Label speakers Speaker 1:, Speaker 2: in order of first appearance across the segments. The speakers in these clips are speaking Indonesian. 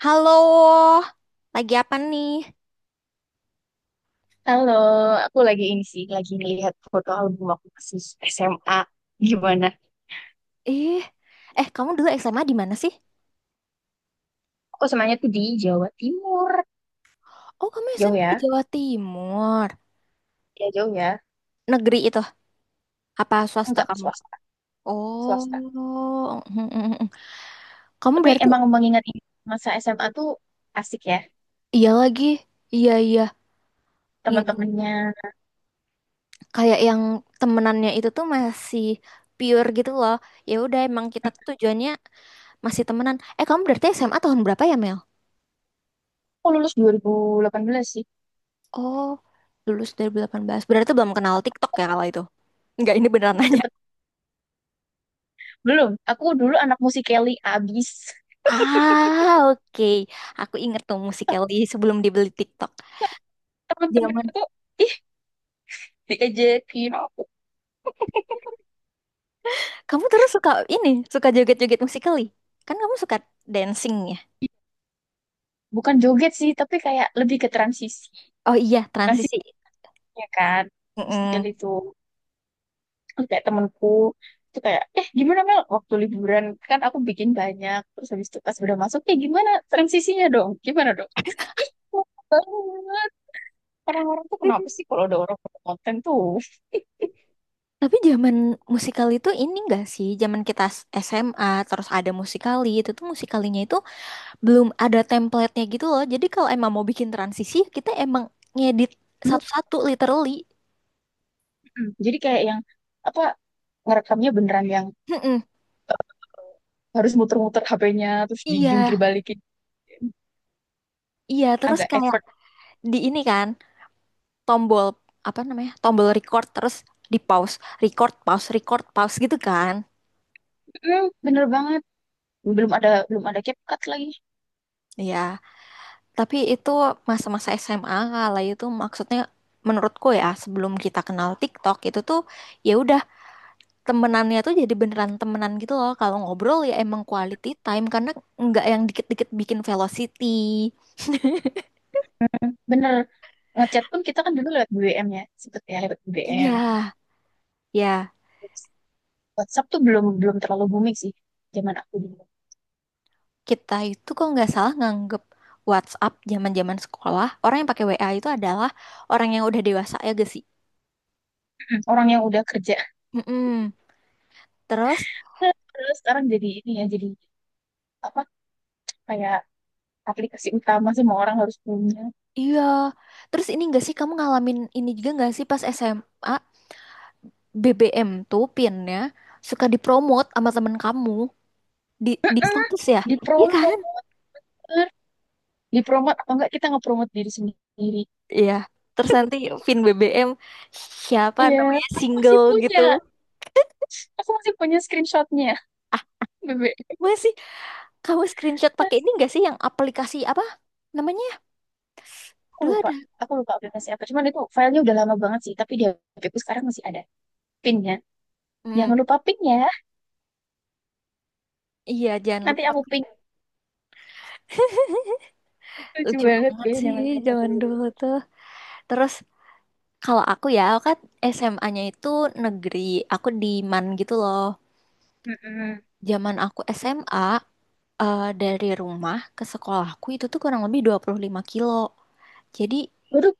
Speaker 1: Halo, lagi apa nih?
Speaker 2: Halo, aku lagi ini sih, lagi ngelihat foto album waktu masih SMA. Gimana?
Speaker 1: Ih, eh kamu dulu SMA di mana sih?
Speaker 2: Aku semuanya tuh di Jawa Timur.
Speaker 1: Oh, kamu
Speaker 2: Jauh
Speaker 1: SMA di
Speaker 2: ya?
Speaker 1: Jawa Timur.
Speaker 2: Ya jauh ya.
Speaker 1: Negeri itu, apa swasta
Speaker 2: Enggak,
Speaker 1: kamu?
Speaker 2: swasta.
Speaker 1: Oh,
Speaker 2: Swasta.
Speaker 1: mm, mm, mm. Kamu
Speaker 2: Tapi
Speaker 1: berarti
Speaker 2: emang mengingat ini, masa SMA tuh asik ya.
Speaker 1: iya lagi. Iya, iya. Iya,
Speaker 2: Teman-temannya.
Speaker 1: kayak yang temenannya itu tuh masih pure gitu loh. Ya udah emang kita tuh tujuannya masih temenan. Eh, kamu berarti SMA tahun berapa ya, Mel?
Speaker 2: Aku lulus 2018 sih.
Speaker 1: Oh, lulus 2018. Berarti belum kenal TikTok ya kalau itu. Enggak, ini beneran
Speaker 2: Aku
Speaker 1: nanya.
Speaker 2: cepet. Belum. Aku dulu anak musik Kelly abis.
Speaker 1: Ah, oke. Aku inget tuh Musical.ly sebelum dibeli TikTok.
Speaker 2: Temen-temen
Speaker 1: Zaman.
Speaker 2: itu ih, diajakin aku.
Speaker 1: Kamu terus suka ini, suka joget-joget Musical.ly. Kan kamu suka dancing ya?
Speaker 2: Bukan joget sih, tapi kayak lebih ke transisi.
Speaker 1: Oh iya, transisi.
Speaker 2: Transisinya kan. Musik Kelly
Speaker 1: Mm-mm.
Speaker 2: itu. Terus kayak temenku itu kayak, eh, gimana Mel waktu liburan, kan aku bikin banyak, terus habis itu pas udah masuk, eh, gimana transisinya dong, gimana dong? Ih, lama banget. Orang-orang tuh kenapa
Speaker 1: Hmm.
Speaker 2: sih kalau ada orang buat konten tuh?
Speaker 1: Tapi zaman Musical.ly itu ini enggak sih? Zaman kita SMA terus ada Musical.ly, itu tuh Musical.ly-nya itu belum ada template-nya gitu loh. Jadi kalau emang mau bikin transisi, kita emang ngedit
Speaker 2: Dulu,
Speaker 1: satu-satu literally.
Speaker 2: jadi kayak yang apa, ngerekamnya beneran yang
Speaker 1: Mm-mm.
Speaker 2: harus muter-muter HP-nya terus
Speaker 1: Iya,
Speaker 2: dijungkir balikin,
Speaker 1: iya terus
Speaker 2: agak
Speaker 1: kayak
Speaker 2: effort.
Speaker 1: di ini kan tombol apa namanya? Tombol record terus di pause, record, pause, record, pause gitu kan.
Speaker 2: Mm, bener banget, belum ada, belum ada CapCut lagi.
Speaker 1: Iya. Tapi itu masa-masa SMA kala itu maksudnya menurutku ya sebelum kita kenal TikTok itu tuh ya udah temenannya tuh jadi beneran temenan gitu loh. Kalau ngobrol ya emang quality time karena nggak yang dikit-dikit bikin velocity.
Speaker 2: Bener, ngechat pun kita kan dulu lewat BBM ya, sempet ya lewat
Speaker 1: Iya,
Speaker 2: BBM.
Speaker 1: ya
Speaker 2: WhatsApp tuh belum belum terlalu booming sih zaman aku dulu.
Speaker 1: kita itu kok nggak salah nganggep WhatsApp zaman-zaman sekolah orang yang pakai WA itu adalah orang yang udah dewasa ya gak sih?
Speaker 2: Mm-mm. Orang yang udah kerja.
Speaker 1: Mm-mm. Terus,
Speaker 2: Terus sekarang jadi ini ya, jadi apa, kayak aplikasi utama semua orang harus punya.
Speaker 1: iya. Terus ini enggak sih kamu ngalamin ini juga enggak sih pas SMA BBM tuh pinnya suka dipromot sama temen kamu di status ya? Iya
Speaker 2: Dipromo,
Speaker 1: kan?
Speaker 2: dipromot atau enggak kita ngepromot diri sendiri.
Speaker 1: Iya. Terus nanti pin BBM siapa
Speaker 2: Iya,
Speaker 1: namanya
Speaker 2: aku masih
Speaker 1: single
Speaker 2: punya.
Speaker 1: gitu.
Speaker 2: Aku masih punya screenshotnya, Bebe.
Speaker 1: Masih kamu screenshot pakai ini
Speaker 2: Masih.
Speaker 1: enggak sih yang aplikasi apa namanya?
Speaker 2: Aku
Speaker 1: Dulu
Speaker 2: lupa.
Speaker 1: ada.
Speaker 2: Aku lupa aplikasi apa. Cuman itu filenya udah lama banget sih. Tapi di HPku sekarang masih ada. Pinnya. Jangan
Speaker 1: Hmm.
Speaker 2: lupa pin ya.
Speaker 1: Iya, jangan
Speaker 2: Nanti
Speaker 1: lupa.
Speaker 2: aku ping. Lucu
Speaker 1: Lucu
Speaker 2: banget
Speaker 1: banget
Speaker 2: ya
Speaker 1: sih
Speaker 2: zaman-zaman
Speaker 1: zaman
Speaker 2: dulu tuh.
Speaker 1: dulu tuh. Terus, kalau aku ya, aku kan SMA-nya itu negeri. Aku di MAN gitu loh.
Speaker 2: Mm-mm.
Speaker 1: Zaman aku SMA, dari rumah ke sekolahku itu tuh kurang lebih 25 kilo. Jadi
Speaker 2: Waduh,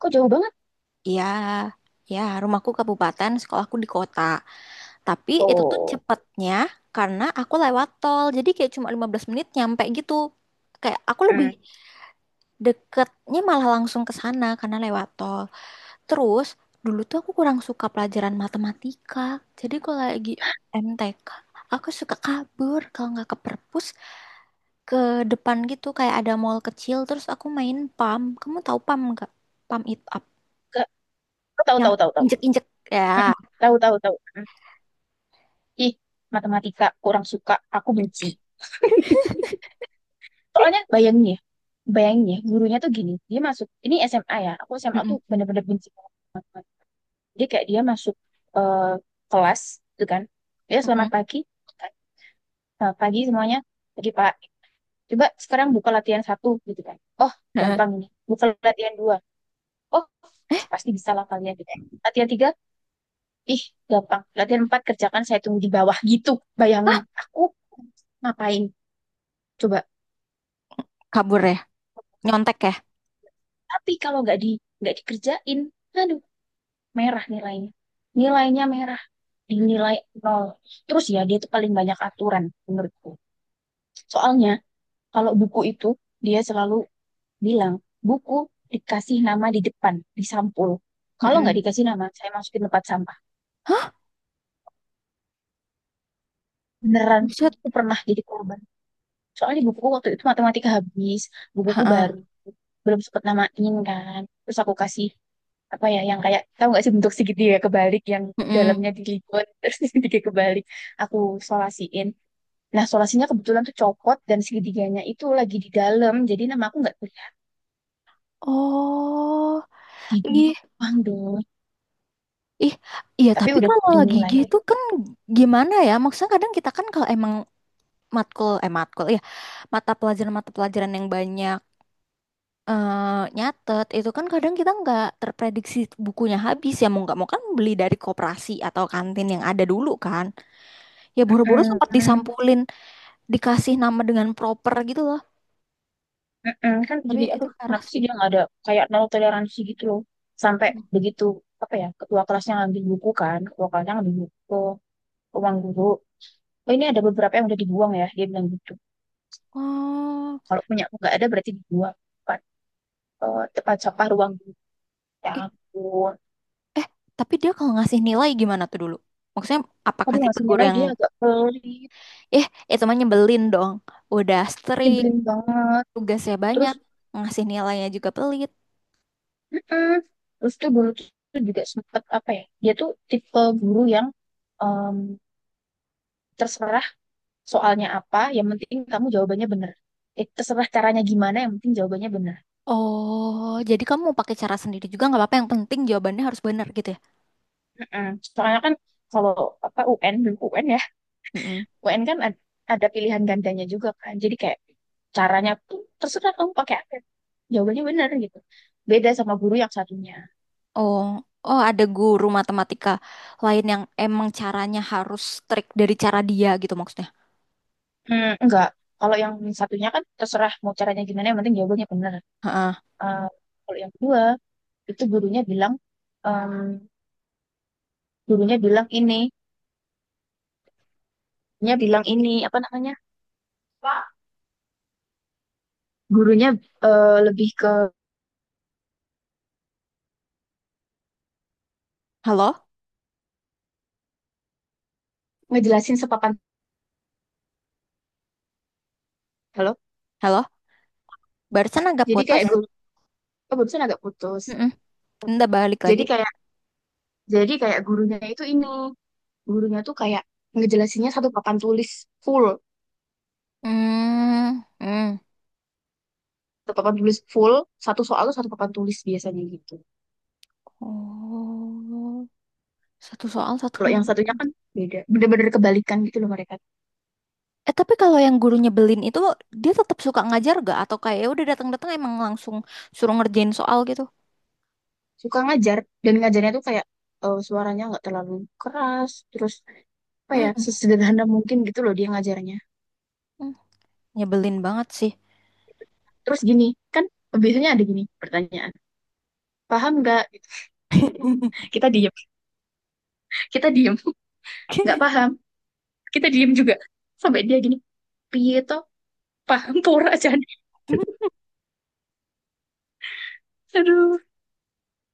Speaker 2: kok jauh banget.
Speaker 1: ya, ya rumahku kabupaten, sekolahku di kota. Tapi itu tuh
Speaker 2: Oh,
Speaker 1: cepetnya karena aku lewat tol. Jadi kayak cuma 15 menit nyampe gitu. Kayak aku lebih
Speaker 2: mm.
Speaker 1: deketnya malah langsung ke sana karena lewat tol. Terus dulu tuh aku kurang suka pelajaran matematika. Jadi kalau lagi MTK, aku suka kabur kalau nggak ke perpus ke depan gitu kayak ada mall kecil terus aku main PAM. Kamu tahu PAM nggak? PAM It Up
Speaker 2: Ke- tahu,
Speaker 1: yang
Speaker 2: tahu, tahu, tahu.
Speaker 1: injek-injek ya.
Speaker 2: Mm-mm. Tahu, tahu, tahu. Mm. Ih, matematika kurang suka, aku benci. Soalnya bayangin ya, gurunya tuh gini, dia masuk ini SMA ya. Aku SMA tuh
Speaker 1: Mm-mm.
Speaker 2: bener-bener benci banget sama matematika. Dia kayak dia masuk eh, kelas gitu kan. Ya, selamat
Speaker 1: Mm-mm.
Speaker 2: pagi, gitu kan. Selamat pagi semuanya. Pagi Pak. Coba sekarang buka latihan satu, gitu kan. Oh,
Speaker 1: Heeh.
Speaker 2: gampang ini. Buka latihan dua. Oh,
Speaker 1: Eh,
Speaker 2: pasti bisa lah kalian, gitu kan. Latihan tiga. Ih, gampang. Latihan empat, kerjakan, saya tunggu di bawah, gitu. Bayangin,
Speaker 1: hah?
Speaker 2: aku ngapain? Coba.
Speaker 1: Kabur ya? Nyontek ya?
Speaker 2: Tapi kalau nggak di nggak dikerjain, aduh, merah nilainya. Nilainya merah. Dinilai nol. Terus ya, dia tuh paling banyak aturan menurutku. Soalnya, kalau buku itu, dia selalu bilang, buku dikasih nama di depan, di sampul. Kalau nggak
Speaker 1: Mm-mm.
Speaker 2: dikasih nama, saya masukin tempat sampah.
Speaker 1: Hah?
Speaker 2: Beneran,
Speaker 1: Buset.
Speaker 2: aku pernah jadi korban. Soalnya bukuku waktu itu matematika habis, bukuku
Speaker 1: Heeh.
Speaker 2: baru, belum sempet namain kan, terus aku kasih apa ya, yang kayak, tahu nggak sih bentuk segitiga kebalik yang
Speaker 1: Mm-mm.
Speaker 2: dalamnya dilipat, terus segitiga kebalik, aku solasiin. Nah, solasinya kebetulan tuh copot dan segitiganya itu lagi di dalam, jadi nama aku nggak kelihatan
Speaker 1: Oh,
Speaker 2: di
Speaker 1: ih,
Speaker 2: doang dong,
Speaker 1: ih, iya.
Speaker 2: tapi
Speaker 1: Tapi
Speaker 2: udah
Speaker 1: kalau lagi
Speaker 2: dimulai.
Speaker 1: gitu kan gimana ya? Maksudnya kadang kita kan kalau emang matkul ya mata pelajaran-mata pelajaran yang banyak, nyatet itu kan kadang kita nggak terprediksi, bukunya habis ya mau nggak mau kan beli dari koperasi atau kantin yang ada dulu kan, ya boro-boro sempat
Speaker 2: Mm-mm,
Speaker 1: disampulin dikasih nama dengan proper gitu loh.
Speaker 2: mm-mm. Kan
Speaker 1: Tapi
Speaker 2: jadi,
Speaker 1: itu
Speaker 2: aduh,
Speaker 1: parah
Speaker 2: kenapa sih
Speaker 1: sih.
Speaker 2: dia nggak ada kayak nol toleransi gitu loh, sampai begitu apa ya, ketua kelasnya ngambil buku kan, ketua kelasnya ngambil buku, uang guru, oh, ini ada beberapa yang udah dibuang ya, dia bilang gitu.
Speaker 1: Oh,
Speaker 2: Kalau punya aku nggak ada, berarti dibuang, tempat, eh, tempat sampah ruang guru. Ya
Speaker 1: ih,
Speaker 2: ampun.
Speaker 1: eh tapi dia kalau ngasih nilai gimana tuh dulu? Maksudnya apakah
Speaker 2: Aduh,
Speaker 1: tipe
Speaker 2: ngasih
Speaker 1: guru
Speaker 2: nilai
Speaker 1: yang
Speaker 2: dia agak pelit,
Speaker 1: eh itu mah nyebelin dong, udah strict,
Speaker 2: nyebelin banget.
Speaker 1: tugasnya
Speaker 2: Terus,
Speaker 1: banyak, ngasih nilainya juga pelit.
Speaker 2: mm-mm. Terus tuh dulu tuh tuh juga sempet apa ya? Dia tuh tipe guru yang em, terserah soalnya apa, yang penting kamu jawabannya bener. Eh, terserah caranya gimana, yang penting jawabannya bener.
Speaker 1: Oh, jadi kamu mau pakai cara sendiri juga nggak apa-apa. Yang penting jawabannya harus benar gitu ya.
Speaker 2: Mm-mm. Soalnya kan kalau apa, UN dulu, UN ya,
Speaker 1: Mm-mm.
Speaker 2: UN kan ada pilihan gandanya juga kan. Jadi kayak caranya tuh terserah kamu pakai apa. Jawabannya benar gitu. Beda sama guru yang satunya.
Speaker 1: Oh, oh ada guru matematika lain yang emang caranya harus trik dari cara dia gitu maksudnya.
Speaker 2: Hmm, enggak. Kalau yang satunya kan terserah mau caranya gimana, yang penting jawabannya benar.
Speaker 1: Heeh.
Speaker 2: Eh, kalau yang kedua itu gurunya bilang em, gurunya bilang ini, gurunya bilang ini apa namanya? Pak. Gurunya, eh, lebih ke
Speaker 1: Halo,
Speaker 2: ngejelasin sepapan. Halo.
Speaker 1: halo. Barusan agak
Speaker 2: Jadi
Speaker 1: putus.
Speaker 2: kayak guru, oh, barusan agak putus.
Speaker 1: Mm-mm. Ntar balik
Speaker 2: Jadi
Speaker 1: lagi.
Speaker 2: kayak jadi kayak gurunya itu ini, gurunya tuh kayak ngejelasinnya satu papan tulis full,
Speaker 1: Hmm, hmm.
Speaker 2: satu papan tulis full, satu soal tuh satu papan tulis biasanya gitu.
Speaker 1: Oh, satu soal satu
Speaker 2: Kalau
Speaker 1: hal.
Speaker 2: yang satunya kan beda, bener-bener kebalikan gitu loh mereka.
Speaker 1: Eh tapi kalau yang guru nyebelin itu dia tetap suka ngajar gak? Atau kayak ya udah datang-datang emang langsung suruh ngerjain soal gitu?
Speaker 2: Suka ngajar dan ngajarnya tuh kayak suaranya nggak terlalu keras, terus apa ya,
Speaker 1: Hmm,
Speaker 2: sesederhana mungkin gitu loh dia ngajarnya.
Speaker 1: hmm. Nyebelin banget sih.
Speaker 2: Terus gini kan biasanya ada gini pertanyaan, paham nggak, gitu. Kita diem. Kita diem, nggak paham. Kita diem juga. Sampai dia gini, piye toh, paham pura aja, aduh.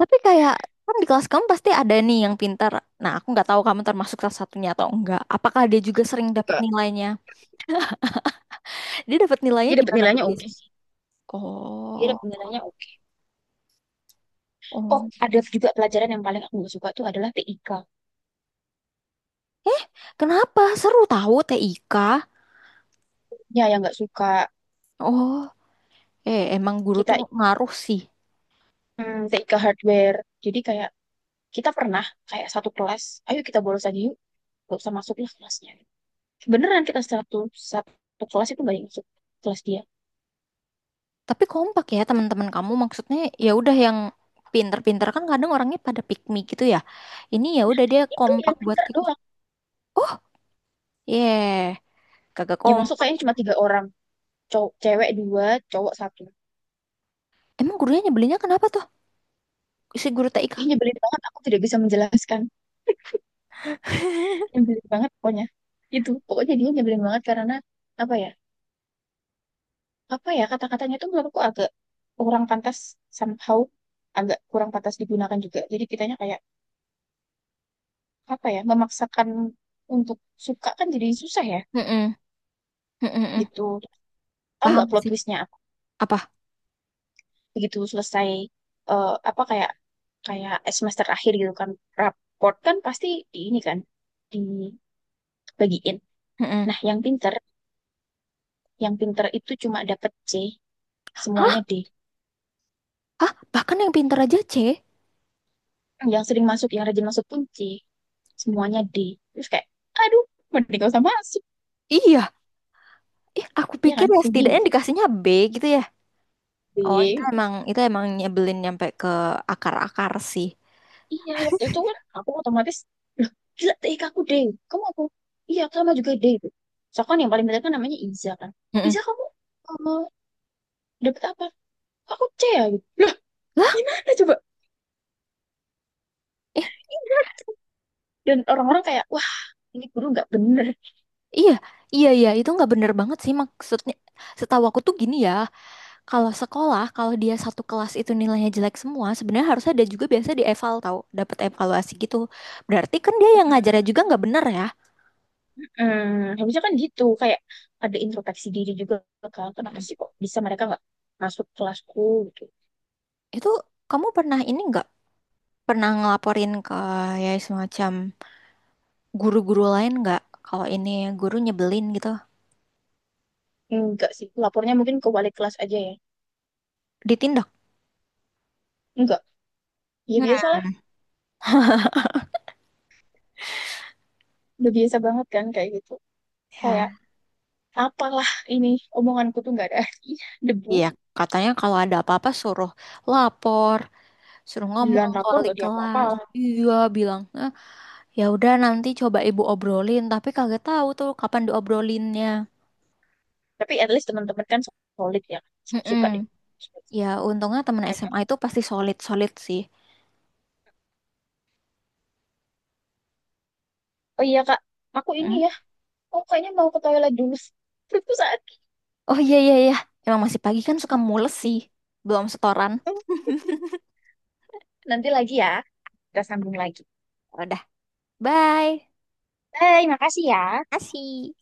Speaker 1: Tapi kayak kan di kelas kamu pasti ada nih yang pintar. Nah, aku nggak tahu kamu termasuk salah satunya atau enggak. Apakah dia juga sering dapat
Speaker 2: Enggak,
Speaker 1: nilainya? Dia dapat nilainya
Speaker 2: dia dapat
Speaker 1: gimana tuh
Speaker 2: nilainya oke
Speaker 1: biasanya?
Speaker 2: sih. Dia
Speaker 1: Oh,
Speaker 2: ada penilaiannya oke. Oh,
Speaker 1: oh.
Speaker 2: ada juga pelajaran yang paling aku nggak suka tuh adalah TIK.
Speaker 1: Eh, kenapa? Seru tahu TIK.
Speaker 2: Ya, yang nggak suka
Speaker 1: Oh, emang guru
Speaker 2: kita,
Speaker 1: tuh ngaruh sih.
Speaker 2: TIK hardware. Jadi kayak kita pernah kayak satu kelas, ayo kita bolos aja yuk, gak usah masuk lah kelasnya. Beneran kita satu satu kelas itu banyak masuk kelas dia.
Speaker 1: Tapi kompak ya teman-teman kamu maksudnya, ya udah yang pinter-pinter kan kadang orangnya pada pick me gitu ya. Ini ya udah dia
Speaker 2: Itu
Speaker 1: kompak
Speaker 2: yang
Speaker 1: buat
Speaker 2: pintar
Speaker 1: ikut.
Speaker 2: doang.
Speaker 1: Oh, yeah. Kagak
Speaker 2: Yang masuk
Speaker 1: kompak.
Speaker 2: kayaknya cuma tiga orang, cowok cewek dua, cowok satu.
Speaker 1: Emang gurunya nyebelinnya kenapa tuh? Si guru TIK.
Speaker 2: Ih, nyebelin banget, aku tidak bisa menjelaskan. Nyebelin banget pokoknya. Itu, pokoknya dia nyebelin banget karena apa ya? Apa ya, kata-katanya itu menurutku agak kurang pantas somehow, agak kurang pantas digunakan juga, jadi kitanya kayak apa ya, memaksakan untuk suka kan, jadi susah ya
Speaker 1: Mm-mm. Mm-mm.
Speaker 2: gitu. Tahu
Speaker 1: Paham
Speaker 2: nggak plot
Speaker 1: sih
Speaker 2: twistnya apa?
Speaker 1: apa.
Speaker 2: Begitu selesai, eh, apa kayak kayak semester akhir gitu kan, raport kan pasti di ini kan dibagiin.
Speaker 1: Mm-mm.
Speaker 2: Nah yang pinter, yang pinter itu cuma dapet C, semuanya
Speaker 1: Hah,
Speaker 2: D.
Speaker 1: hah, bahkan yang pintar aja C?
Speaker 2: Yang sering masuk, yang rajin masuk pun C, semuanya D. Terus kayak, aduh, mending gak usah masuk.
Speaker 1: Iya, ih aku
Speaker 2: Iya
Speaker 1: pikir
Speaker 2: kan?
Speaker 1: ya
Speaker 2: Rugi nggak
Speaker 1: setidaknya
Speaker 2: sih?
Speaker 1: dikasihnya B gitu ya. Oh itu
Speaker 2: Di
Speaker 1: emang, itu emang nyebelin nyampe ke akar-akar sih.
Speaker 2: Iya, waktu itu kan aku otomatis, loh, gila TIK aku D. Kamu aku, iya sama juga D itu. Soalnya kan yang paling benar kan namanya Iza kan.
Speaker 1: Mm-mm.
Speaker 2: Iza kamu eh, dapet apa? Aku C ya gitu. Loh,
Speaker 1: Lah,
Speaker 2: gimana coba?
Speaker 1: eh,
Speaker 2: Iya. Dan orang-orang kayak, wah, ini guru nggak bener.
Speaker 1: iya, iya, iya, itu nggak bener banget sih maksudnya. Setahu aku tuh gini ya, kalau sekolah, kalau dia satu kelas itu nilainya jelek semua, sebenarnya harusnya ada juga biasa di eval tahu, dapat evaluasi gitu. Berarti kan dia yang ngajarnya
Speaker 2: Hmm.
Speaker 1: juga nggak bener ya.
Speaker 2: Harusnya kan gitu. Kayak ada introspeksi diri juga kan. Kenapa
Speaker 1: Mm.
Speaker 2: sih kok bisa mereka nggak masuk kelasku gitu.
Speaker 1: Itu kamu pernah ini nggak? Pernah ngelaporin ke ya semacam guru-guru lain nggak? Kalau ini guru nyebelin gitu,
Speaker 2: Enggak sih, lapornya mungkin ke wali kelas aja ya.
Speaker 1: ditindak.
Speaker 2: Enggak. Ya
Speaker 1: Hmm.
Speaker 2: biasa udah biasa banget kan kayak gitu, kayak
Speaker 1: Ya,
Speaker 2: apalah ini, omonganku tuh nggak ada artinya debu,
Speaker 1: iya katanya kalau ada apa-apa suruh lapor, suruh ngomong
Speaker 2: bilang
Speaker 1: ke
Speaker 2: rapor
Speaker 1: wali
Speaker 2: nggak diapa-apa.
Speaker 1: kelas. Iya bilang, "Eh, ya udah nanti coba ibu obrolin," tapi kagak tahu tuh kapan diobrolinnya.
Speaker 2: Tapi at least teman-teman kan solid ya,
Speaker 1: Mm-mm.
Speaker 2: suka deh.
Speaker 1: Ya untungnya temen SMA itu pasti solid-solid sih.
Speaker 2: Oh iya kak, aku ini
Speaker 1: Mm.
Speaker 2: ya, oh kayaknya mau ke toilet dulu. Itu saat
Speaker 1: Oh iya iya iya, emang masih pagi kan suka mules sih, belum setoran.
Speaker 2: itu. Nanti lagi ya, kita sambung lagi.
Speaker 1: Bye.
Speaker 2: Bye, makasih ya.
Speaker 1: Kasih.